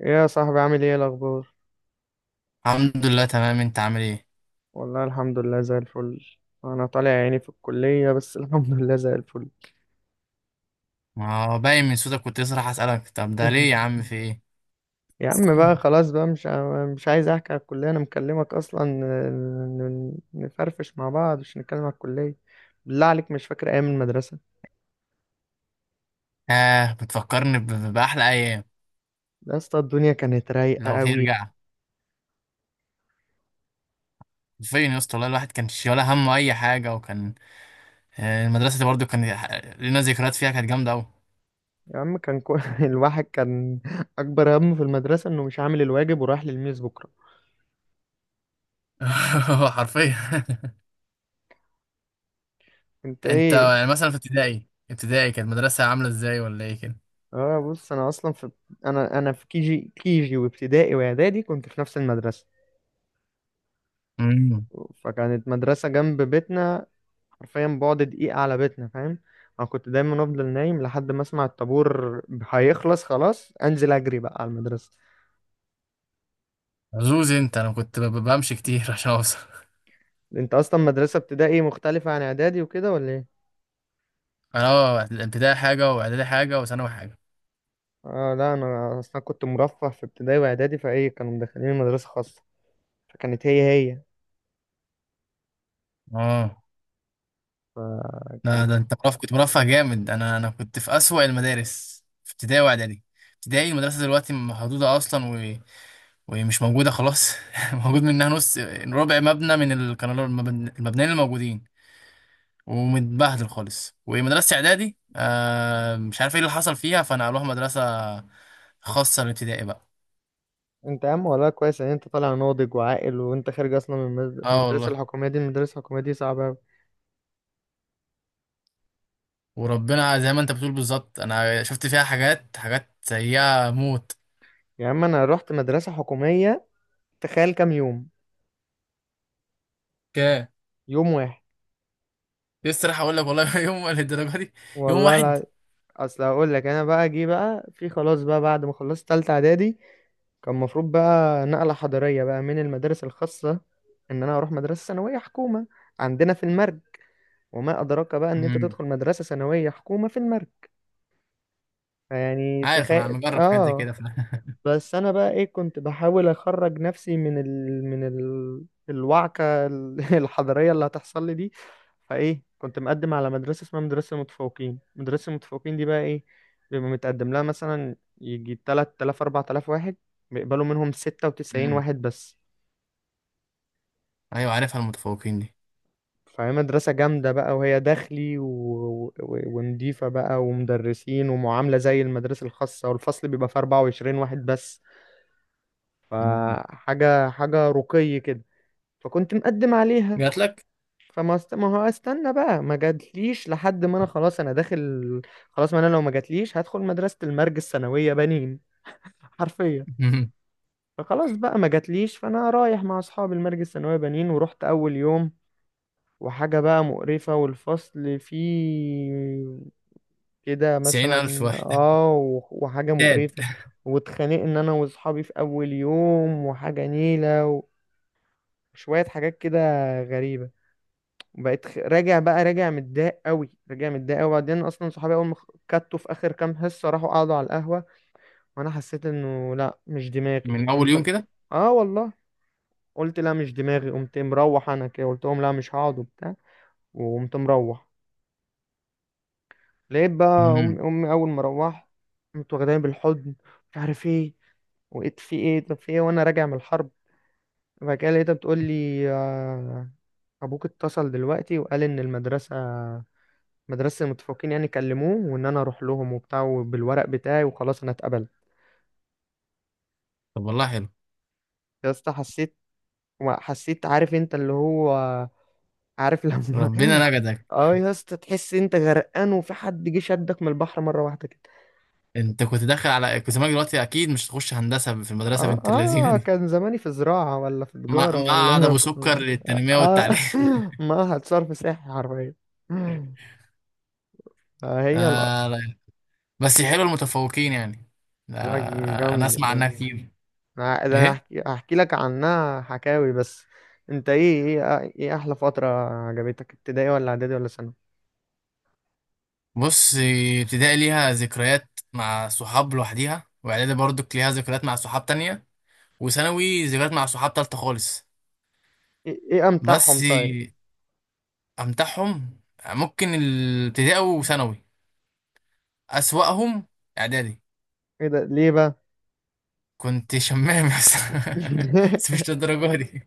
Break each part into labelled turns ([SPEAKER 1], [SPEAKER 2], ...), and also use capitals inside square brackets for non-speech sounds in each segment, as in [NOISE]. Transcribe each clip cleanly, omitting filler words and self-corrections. [SPEAKER 1] إيه يا صاحبي، عامل ايه الاخبار؟
[SPEAKER 2] الحمد لله تمام، انت عامل ايه؟
[SPEAKER 1] والله الحمد لله زي الفل. انا طالع عيني في الكلية بس [LAUGHS] الحمد لله زي الفل.
[SPEAKER 2] ما هو باين من صوتك، كنت لسه راح اسالك طب ده ليه يا عم
[SPEAKER 1] [LAUGHS]
[SPEAKER 2] في ايه؟
[SPEAKER 1] يا عم بقى، خلاص بقى، مش عايز احكي على الكلية. انا مكلمك اصلا نفرفش مع بعض، مش نتكلم على الكلية. بالله عليك، مش فاكر ايام المدرسة؟
[SPEAKER 2] اه بتفكرني باحلى ايام.
[SPEAKER 1] يا اسطى الدنيا كانت رايقة
[SPEAKER 2] لو
[SPEAKER 1] قوي.
[SPEAKER 2] ترجع فين يا اسطى؟ والله الواحد كان شي ولا همه اي حاجه. وكان المدرسه دي برضو كان لنا ذكريات فيها، كانت جامده قوي.
[SPEAKER 1] يا عم كان [LAUGHS] الواحد كان اكبر همه في المدرسة انه مش عامل الواجب ورايح للميز بكرة.
[SPEAKER 2] [LAUGHS] حرفيا.
[SPEAKER 1] انت
[SPEAKER 2] [LAUGHS] انت
[SPEAKER 1] ايه؟
[SPEAKER 2] يعني مثلا في ابتدائي كانت المدرسه عامله ازاي ولا ايه كده؟
[SPEAKER 1] اه بص، انا في كي جي، كي جي وابتدائي واعدادي كنت في نفس المدرسه.
[SPEAKER 2] امم.
[SPEAKER 1] فكانت مدرسه جنب بيتنا، حرفيا بعد دقيقه على بيتنا، فاهم؟ انا كنت دايما افضل نايم لحد ما اسمع الطابور هيخلص، خلاص انزل اجري بقى على المدرسه.
[SPEAKER 2] عزوز انت، انا كنت بمشي كتير [LAUGHS] عشان اوصل.
[SPEAKER 1] انت اصلا مدرسه ابتدائي مختلفه عن اعدادي وكده ولا ايه؟
[SPEAKER 2] انا اه، الابتدائي حاجه واعدادي حاجه وثانوي حاجه.
[SPEAKER 1] اه لا، انا اصلا كنت مرفه في ابتدائي واعدادي، فايه كانوا مدخلين مدرسه خاصه. فكانت هي، هي،
[SPEAKER 2] اه ده
[SPEAKER 1] فكان.
[SPEAKER 2] ده انت مرفه، كنت مرفه جامد. انا كنت في اسوأ المدارس في ابتدائي واعدادي. ابتدائي المدرسه دلوقتي محدوده اصلا، و... ومش موجوده خلاص [LAUGHS] موجود منها نص ربع مبنى من كانوا المبنيين الموجودين، ومتبهدل خالص. ومدرسه اعدادي آه مش عارف ايه اللي حصل فيها، فنقلوها مدرسه خاصه للابتدائي بقى.
[SPEAKER 1] انت يا عم والله كويس ان انت طالع ناضج وعاقل، وانت خارج اصلا من
[SPEAKER 2] اه
[SPEAKER 1] المدرسه
[SPEAKER 2] والله.
[SPEAKER 1] الحكوميه دي. المدرسه الحكوميه دي صعبه أوي.
[SPEAKER 2] وربنا زي ما انت بتقول بالظبط، انا شفت فيها حاجات، حاجات سيئه موت.
[SPEAKER 1] يا عم انا رحت مدرسه حكوميه، تخيل كام يوم؟
[SPEAKER 2] كام؟
[SPEAKER 1] يوم واحد.
[SPEAKER 2] لسه راح اقول لك والله [LAUGHS] يوم الدرجه دي. يوم
[SPEAKER 1] والله
[SPEAKER 2] واحد.
[SPEAKER 1] لا، اصل هقول لك، انا بقى جه بقى في خلاص بقى بعد ما خلصت تالتة اعدادي، كان المفروض بقى نقله حضاريه بقى من المدارس الخاصه ان انا اروح مدرسه ثانويه حكومه عندنا في المرج. وما ادراك بقى ان انت
[SPEAKER 2] امم.
[SPEAKER 1] تدخل مدرسه ثانويه حكومه في المرج. فيعني
[SPEAKER 2] عارف انا
[SPEAKER 1] تخيل،
[SPEAKER 2] مجرب حاجات زي
[SPEAKER 1] اه.
[SPEAKER 2] كده ف.
[SPEAKER 1] بس انا بقى ايه، كنت بحاول اخرج نفسي الوعكة [LAUGHS] الحضارية اللي هتحصل لي دي. فايه كنت مقدم على مدرسة اسمها مدرسة المتفوقين. مدرسة المتفوقين دي بقى ايه، بيبقى متقدم لها مثلا يجي 3000 4000 واحد، بيقبلوا منهم
[SPEAKER 2] [LAUGHS]
[SPEAKER 1] 96
[SPEAKER 2] امم.
[SPEAKER 1] واحد بس.
[SPEAKER 2] ايوه عارفها المتفوقين دي.
[SPEAKER 1] فهي مدرسة جامدة بقى، وهي داخلي ونضيفة بقى ومدرسين ومعاملة زي المدرسة الخاصة، والفصل بيبقى فيه 24 واحد بس.
[SPEAKER 2] امم.
[SPEAKER 1] فحاجة حاجة رقي كده. فكنت مقدم عليها.
[SPEAKER 2] جات لك.
[SPEAKER 1] ما هو استنى بقى، ما جاتليش لحد ما انا خلاص انا داخل. خلاص ما انا لو ما جاتليش هدخل مدرسة المرج الثانوية بنين. [LAUGHS] حرفيا.
[SPEAKER 2] مم.
[SPEAKER 1] فخلاص بقى ما جاتليش، فانا رايح مع اصحابي المرج الثانوية بنين. ورحت اول يوم وحاجة بقى مقرفة، والفصل فيه كده
[SPEAKER 2] تسعين الف
[SPEAKER 1] مثلا
[SPEAKER 2] واحد.
[SPEAKER 1] اه وحاجة
[SPEAKER 2] تاد.
[SPEAKER 1] مقرفة. واتخانقنا انا واصحابي في اول يوم، وحاجة نيلة وشوية حاجات كده غريبة. وبقيت راجع بقى، راجع متضايق قوي، راجع متضايق قوي. وبعدين اصلا صحابي اول ما كتوا في اخر كام حصه راحوا قعدوا على القهوه. وانا حسيت انه لا مش دماغي،
[SPEAKER 2] من اول
[SPEAKER 1] قمت
[SPEAKER 2] يوم
[SPEAKER 1] م-
[SPEAKER 2] كده؟
[SPEAKER 1] اه والله. قلت لا مش دماغي، قمت مروح انا كده. قلت لهم لا مش هقعد وبتاع، وقمت مروح. لقيت بقى
[SPEAKER 2] امم.
[SPEAKER 1] امي، امي اول ما روحت قمت واخداني بالحضن، مش عارف ايه. وقيت في ايه، طب في ايه، وانا راجع من الحرب. وبعد كده لقيتها بتقول لي آه، ابوك اتصل دلوقتي وقال ان المدرسه، مدرسة المتفوقين يعني كلموه وان انا اروح لهم وبتاع وبالورق بتاعي، وخلاص انا اتقبلت.
[SPEAKER 2] طب والله حلو.
[SPEAKER 1] يا اسطى حسيت، عارف انت اللي هو، عارف لما
[SPEAKER 2] ربنا نجدك.
[SPEAKER 1] [LAUGHS] اه يا اسطى، تحس انت غرقان وفي حد جه شدك من البحر مرة واحدة كده.
[SPEAKER 2] انت كنت داخل على كنت زمانك دلوقتي اكيد مش تخش هندسه في المدرسه
[SPEAKER 1] اه.
[SPEAKER 2] بنت اللذينه
[SPEAKER 1] اه
[SPEAKER 2] دي.
[SPEAKER 1] كان زماني في زراعة، ولا في تجارة،
[SPEAKER 2] معهد
[SPEAKER 1] ولا [LAUGHS]
[SPEAKER 2] ابو
[SPEAKER 1] في.
[SPEAKER 2] سكر للتنميه
[SPEAKER 1] اه
[SPEAKER 2] والتعليم [LAUGHS]
[SPEAKER 1] [LAUGHS] ما هتصرف سياحي حرفيا. فهي
[SPEAKER 2] آه لا. بس حلو المتفوقين يعني.
[SPEAKER 1] لا
[SPEAKER 2] آه انا
[SPEAKER 1] جامد
[SPEAKER 2] اسمع
[SPEAKER 1] جامد.
[SPEAKER 2] عنها كتير.
[SPEAKER 1] انا ده أنا
[SPEAKER 2] إيه؟
[SPEAKER 1] هحكي لك عنها حكاوي بس. انت ايه، ايه احلى فترة عجبتك، ابتدائي ولا اعدادي ولا ثانوي؟
[SPEAKER 2] بص، ابتدائي ليها ذكريات مع صحاب لوحديها، واعدادي برضو ليها ذكريات مع صحاب تانية، وثانوي ذكريات مع صحاب تالتة خالص.
[SPEAKER 1] إيه
[SPEAKER 2] بس
[SPEAKER 1] امتعهم طيب؟
[SPEAKER 2] امتعهم ممكن الابتدائي وثانوي. اسوأهم اعدادي.
[SPEAKER 1] ايه ده ليه بقى؟
[SPEAKER 2] كنت شمام يا اسطى. [LAUGHS] بس
[SPEAKER 1] [LAUGHS]
[SPEAKER 2] مش للدرجة دي.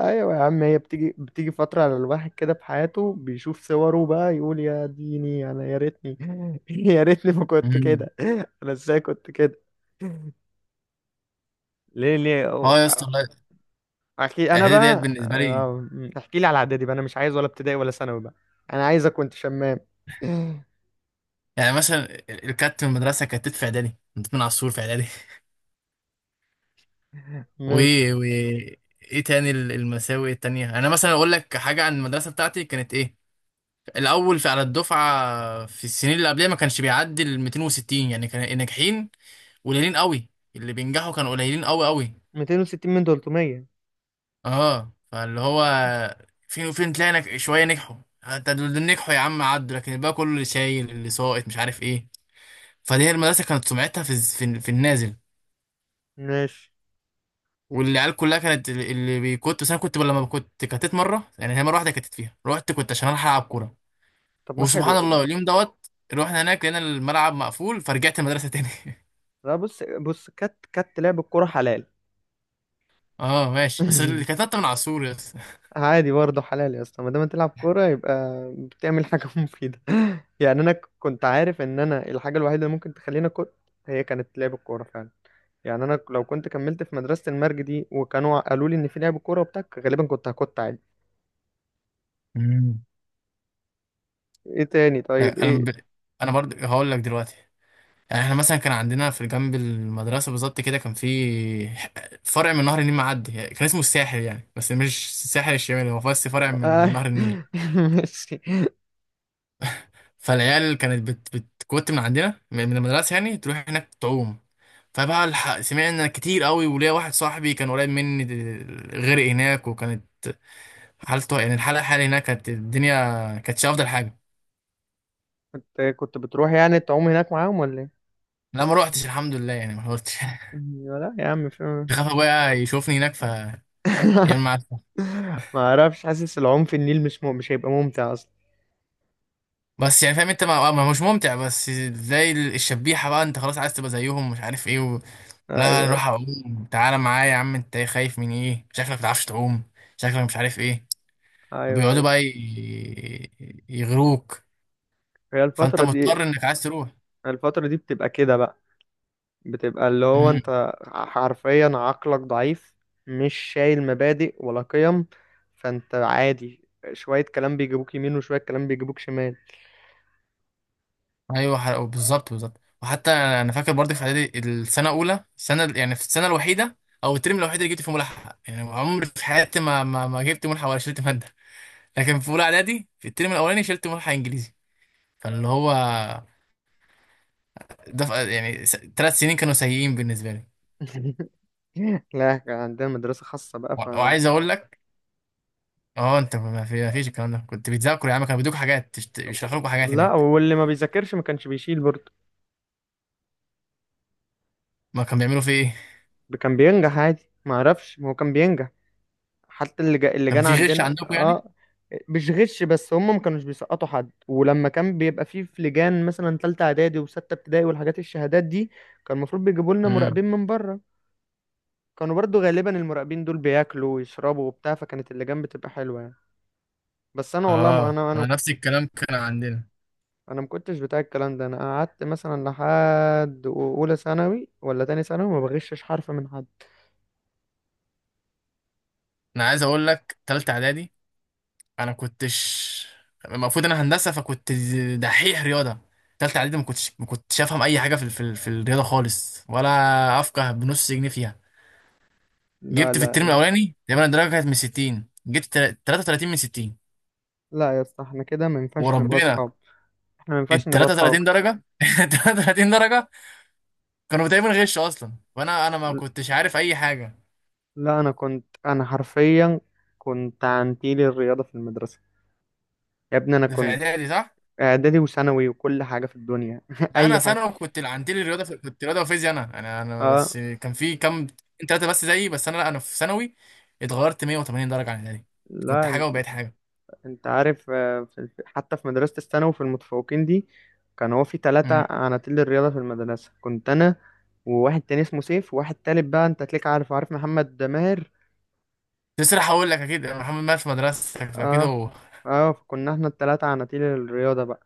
[SPEAKER 1] ايوه يا عم، هي بتيجي فترة على الواحد كده في حياته، بيشوف صوره بقى يقول يا ديني انا يا ريتني [LAUGHS] يا ريتني ما كنت
[SPEAKER 2] مم.
[SPEAKER 1] كده. انا ازاي كنت كده؟ ليه، ليه؟
[SPEAKER 2] اه يا اسطى والله.
[SPEAKER 1] احكي انا
[SPEAKER 2] اعدادي ديت
[SPEAKER 1] بقى
[SPEAKER 2] بالنسبة لي
[SPEAKER 1] آه، احكي لي على اعدادي بقى، انا مش عايز ولا ابتدائي ولا ثانوي بقى. انا عايزك كنت شمام. [LAUGHS]
[SPEAKER 2] يعني مثلا الكات في المدرسة، كانت في اعدادي كنت من عصور في اعدادي. و
[SPEAKER 1] ماشي.
[SPEAKER 2] و ايه تاني المساوئ التانية؟ انا مثلا اقول لك حاجة عن المدرسة بتاعتي كانت ايه. الاول في على الدفعة في السنين اللي قبلها ما كانش بيعدي ال 260، يعني كان الناجحين قليلين قوي. اللي بينجحوا كانوا قليلين قوي قوي.
[SPEAKER 1] 260 من 300.
[SPEAKER 2] اه فاللي هو فين وفين تلاقي شوية نجحوا. حتى دول اللي نجحوا يا عم عدوا، لكن الباقي كله اللي شايل، اللي ساقط، مش عارف ايه. فدي هي المدرسة كانت سمعتها في النازل.
[SPEAKER 1] ماشي.
[SPEAKER 2] والعيال كلها كانت اللي بيكت. بس انا كنت لما كنت كتت مره، يعني هي مره واحده كتت فيها، رحت كنت عشان اروح العب كوره.
[SPEAKER 1] طب ما
[SPEAKER 2] وسبحان
[SPEAKER 1] حلو.
[SPEAKER 2] الله اليوم دوت رحنا هناك لقينا الملعب مقفول، فرجعت المدرسه تاني.
[SPEAKER 1] لا بص، بص، كات كات لعب الكوره حلال.
[SPEAKER 2] [LAUGHS] اه ماشي، بس اللي
[SPEAKER 1] [LAUGHS]
[SPEAKER 2] كتت من على السور يس.
[SPEAKER 1] عادي برضه حلال يا اسطى، ما دام تلعب كوره يبقى بتعمل حاجه [LAUGHS] مفيده. يعني انا كنت عارف ان انا الحاجه الوحيده اللي ممكن تخليني كنت، هي كانت لعب الكوره فعلا. يعني انا لو كنت كملت في مدرسه المرج دي وكانوا قالوا لي ان في لعب كوره وبتاع، غالبا كنت هكت عادي.
[SPEAKER 2] مم.
[SPEAKER 1] ايه تاني طيب،
[SPEAKER 2] لا، انا ب.
[SPEAKER 1] ايه
[SPEAKER 2] انا برضه هقول لك دلوقتي، يعني احنا مثلا كان عندنا في جنب المدرسه بالظبط كده كان في فرع من نهر النيل معدي، يعني كان اسمه الساحل يعني، بس مش الساحل الشمالي، هو بس فرع من
[SPEAKER 1] آه،
[SPEAKER 2] نهر النيل.
[SPEAKER 1] [LAUGHS] ماشي.
[SPEAKER 2] فالعيال كانت بتكوت من عندنا من المدرسة، يعني تروح هناك تعوم. فبقى سمعنا كتير قوي، وليا واحد صاحبي كان قريب مني غرق هناك، وكانت حالته يعني الحالة، الحالة هناك كانت الدنيا كانتش أفضل حاجة.
[SPEAKER 1] كنت بتروح يعني تعوم هناك معاهم ولا ايه؟
[SPEAKER 2] لا ما روحتش الحمد لله، يعني ما روحتش [LAUGHS]
[SPEAKER 1] ايوه، لا يا عم في.
[SPEAKER 2] خاف أبويا يشوفني هناك ف يعمل
[SPEAKER 1] [LAUGHS]
[SPEAKER 2] معاك.
[SPEAKER 1] ما اعرفش، حاسس العوم في النيل مش مش هيبقى ممتع اصلا.
[SPEAKER 2] بس يعني فاهم انت مش ممتع، بس زي الشبيحة بقى، انت خلاص عايز تبقى زيهم، مش عارف ايه و. لا
[SPEAKER 1] ايوه،
[SPEAKER 2] نروح اعوم تعالى معايا يا عم، انت خايف من ايه؟ شكلك ما بتعرفش تعوم، شكلك مش عارف ايه.
[SPEAKER 1] ايوه،
[SPEAKER 2] وبيقعدوا
[SPEAKER 1] ايوه.
[SPEAKER 2] بقى يغروك.
[SPEAKER 1] هي
[SPEAKER 2] فانت
[SPEAKER 1] الفترة دي،
[SPEAKER 2] مضطر انك عايز تروح.
[SPEAKER 1] الفترة دي بتبقى كده بقى، بتبقى اللي هو
[SPEAKER 2] امم.
[SPEAKER 1] انت حرفيا عقلك ضعيف، مش شايل مبادئ ولا قيم. فانت عادي، شوية كلام بيجيبوك يمين وشوية كلام بيجيبوك شمال.
[SPEAKER 2] ايوه بالظبط بالظبط. وحتى انا فاكر برضه في اعدادي السنه الاولى، السنه يعني في السنه الوحيده او الترم الوحيد اللي جبت فيه ملحق، يعني عمري في حياتي ما جبت ملحق ولا شلت ماده. لكن في اولى اعدادي في الترم الاولاني شلت ملحق انجليزي، فاللي هو ده يعني ثلاث سنين كانوا سيئين بالنسبه لي.
[SPEAKER 1] [LAUGHS] لا كان عندنا مدرسة خاصة بقى.
[SPEAKER 2] وعايز اقول لك اه انت ما في ما فيش الكلام ده، كنت بتذاكر يا عم؟ كانوا بيدوك حاجات، يشرحوا لكم حاجات
[SPEAKER 1] لا
[SPEAKER 2] هناك؟
[SPEAKER 1] واللي ما بيذاكرش ما كانش بيشيل برضه،
[SPEAKER 2] ما كانوا بيعملوا في ايه؟
[SPEAKER 1] كان بينجح عادي. ما اعرفش، ما هو كان بينجح. حتى اللي جا، اللي
[SPEAKER 2] كان
[SPEAKER 1] جانا
[SPEAKER 2] في غش
[SPEAKER 1] عندنا
[SPEAKER 2] عندكم يعني؟
[SPEAKER 1] اه، مش غش بس هم ما كانوش بيسقطوا حد. ولما كان بيبقى فيه في لجان مثلا تالتة اعدادي وستة ابتدائي والحاجات الشهادات دي، كان المفروض بيجيبوا لنا
[SPEAKER 2] امم.
[SPEAKER 1] مراقبين من بره. كانوا برضو غالبا المراقبين دول بياكلوا ويشربوا وبتاع، فكانت اللجان بتبقى حلوة يعني. بس انا والله ما
[SPEAKER 2] اه
[SPEAKER 1] انا، انا ما
[SPEAKER 2] انا نفس
[SPEAKER 1] كنت
[SPEAKER 2] الكلام كان عندنا.
[SPEAKER 1] انا ما كنتش بتاع الكلام ده. انا قعدت مثلا لحد اولى ثانوي ولا تاني ثانوي ما بغشش حرف من حد.
[SPEAKER 2] انا عايز اقول لك تالتة اعدادي انا كنتش، المفروض انا هندسه فكنت دحيح رياضه. تالتة اعدادي ما كنتش افهم اي حاجه في الرياضه خالص، ولا افقه بنص جنيه فيها.
[SPEAKER 1] لا
[SPEAKER 2] جبت في الترم
[SPEAKER 1] لا،
[SPEAKER 2] الاولاني تقريبا الدرجه كانت من 60، جبت 33 من 60
[SPEAKER 1] لا يا اسطى احنا كده ما ينفعش نبقى
[SPEAKER 2] وربنا.
[SPEAKER 1] اصحاب. احنا ما ينفعش
[SPEAKER 2] ال
[SPEAKER 1] نبقى اصحاب.
[SPEAKER 2] 33 درجه [LAUGHS] 33 درجه كانوا تقريبا غش اصلا، وانا ما
[SPEAKER 1] ل-
[SPEAKER 2] كنتش عارف اي حاجه.
[SPEAKER 1] لا انا كنت، انا حرفيا كنت عنتيل الرياضه في المدرسه. يا ابني انا
[SPEAKER 2] ده في
[SPEAKER 1] كنت
[SPEAKER 2] اعدادي صح؟
[SPEAKER 1] اعدادي وثانوي وكل حاجه في الدنيا [LAUGHS]
[SPEAKER 2] ده انا
[SPEAKER 1] اي حاجه.
[SPEAKER 2] ثانوي كنت عندي لي رياضه في. كنت رياضه وفيزياء. انا
[SPEAKER 1] اه
[SPEAKER 2] بس كان في كام ثلاثه بس زيي، بس انا لا انا في ثانوي اتغيرت 180 درجه عن الاعدادي. كنت
[SPEAKER 1] لا انت،
[SPEAKER 2] حاجه وبقيت حاجه.
[SPEAKER 1] انت عارف آه، حتى في مدرسه الثانوي في المتفوقين دي، كان هو في ثلاثه
[SPEAKER 2] امم.
[SPEAKER 1] عناتيل الرياضه في المدرسه كنت انا، وواحد تاني اسمه سيف، وواحد تالت بقى انت تلاقيك عارف، عارف محمد ماهر.
[SPEAKER 2] تسرح هقول لك اكيد محمد مات في مدرستك، فاكيد
[SPEAKER 1] اه.
[SPEAKER 2] هو.
[SPEAKER 1] اه فكنا احنا الثلاثه عناتيل الرياضه بقى.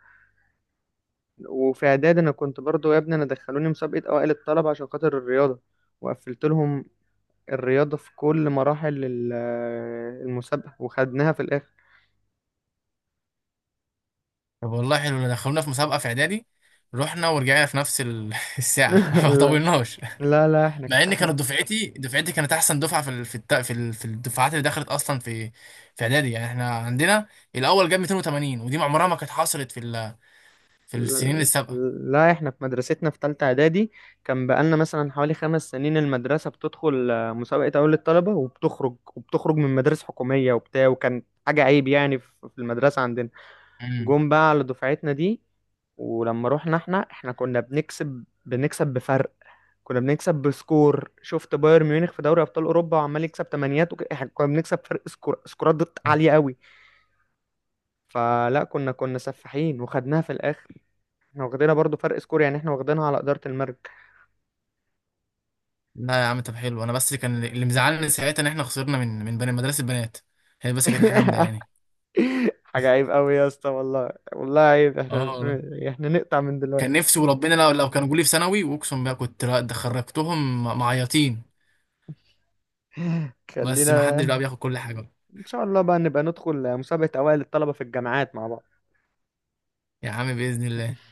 [SPEAKER 1] وفي اعداد انا كنت برضو يا ابني انا دخلوني مسابقه اوائل الطلبه عشان خاطر الرياضه، وقفلت لهم الرياضه في كل مراحل المسابقه، وخدناها في الاخر.
[SPEAKER 2] طب والله حلو، دخلونا في مسابقه في اعدادي، رحنا ورجعنا في نفس [LAUGHS] الساعه [LAUGHS]
[SPEAKER 1] [LAUGHS]
[SPEAKER 2] ما
[SPEAKER 1] لا
[SPEAKER 2] طولناش.
[SPEAKER 1] لا، لا احنا
[SPEAKER 2] مع ان
[SPEAKER 1] احنا.
[SPEAKER 2] كانت دفعتي كانت احسن دفعه في ال, في الت, في الدفعات اللي دخلت اصلا في في اعدادي. يعني احنا عندنا الاول جاب 280، ودي عمرها ما كانت حصلت في ال, في السنين
[SPEAKER 1] لا
[SPEAKER 2] السابقه.
[SPEAKER 1] لا، احنا في مدرستنا في تالتة اعدادي، كان بقالنا مثلا حوالي 5 سنين المدرسة بتدخل آه، مسابقة اول الطلبة وبتخرج من مدارس حكومية وبتاع، وكان حاجة عيب يعني في المدرسة عندنا.
[SPEAKER 2] مم.
[SPEAKER 1] جم بقى على دفعتنا دي، ولما رحنا احنا احنا كنا بنكسب، بفرق، كنا بنكسب بسكور شفت بايرن ميونخ في دوري ابطال اوروبا وعمال يكسب تمانيات احنا كنا بنكسب فرق سكور، سكورات ضد
[SPEAKER 2] آه.
[SPEAKER 1] عاليه قوي. فلا كنا، كنا سفاحين وخدناها في الاخر. احنا واخدينها برضو فرق سكور يعني، احنا واخدينها على اداره المرج.
[SPEAKER 2] لا يا عم طب حلو، انا بس اللي كان اللي مزعلني ساعتها ان احنا خسرنا من بني مدرسه البنات. هي بس كانت حاجه
[SPEAKER 1] [LAUGHS]
[SPEAKER 2] مضايقاني.
[SPEAKER 1] حاجه عيب قوي يا اسطى، والله والله عيب
[SPEAKER 2] اه
[SPEAKER 1] احنا.
[SPEAKER 2] والله.
[SPEAKER 1] احنا نقطع من
[SPEAKER 2] كان
[SPEAKER 1] دلوقتي.
[SPEAKER 2] نفسي وربنا لو لو كانوا جولي في ثانوي واقسم بقى كنت، لا ده خرجتهم معيطين. بس ما حدش بقى
[SPEAKER 1] خلينا
[SPEAKER 2] بياخد كل حاجه.
[SPEAKER 1] ان شاء الله بقى نبقى ندخل مسابقه اوائل الطلبه في الجامعات مع بعض.
[SPEAKER 2] يا عم باذن الله.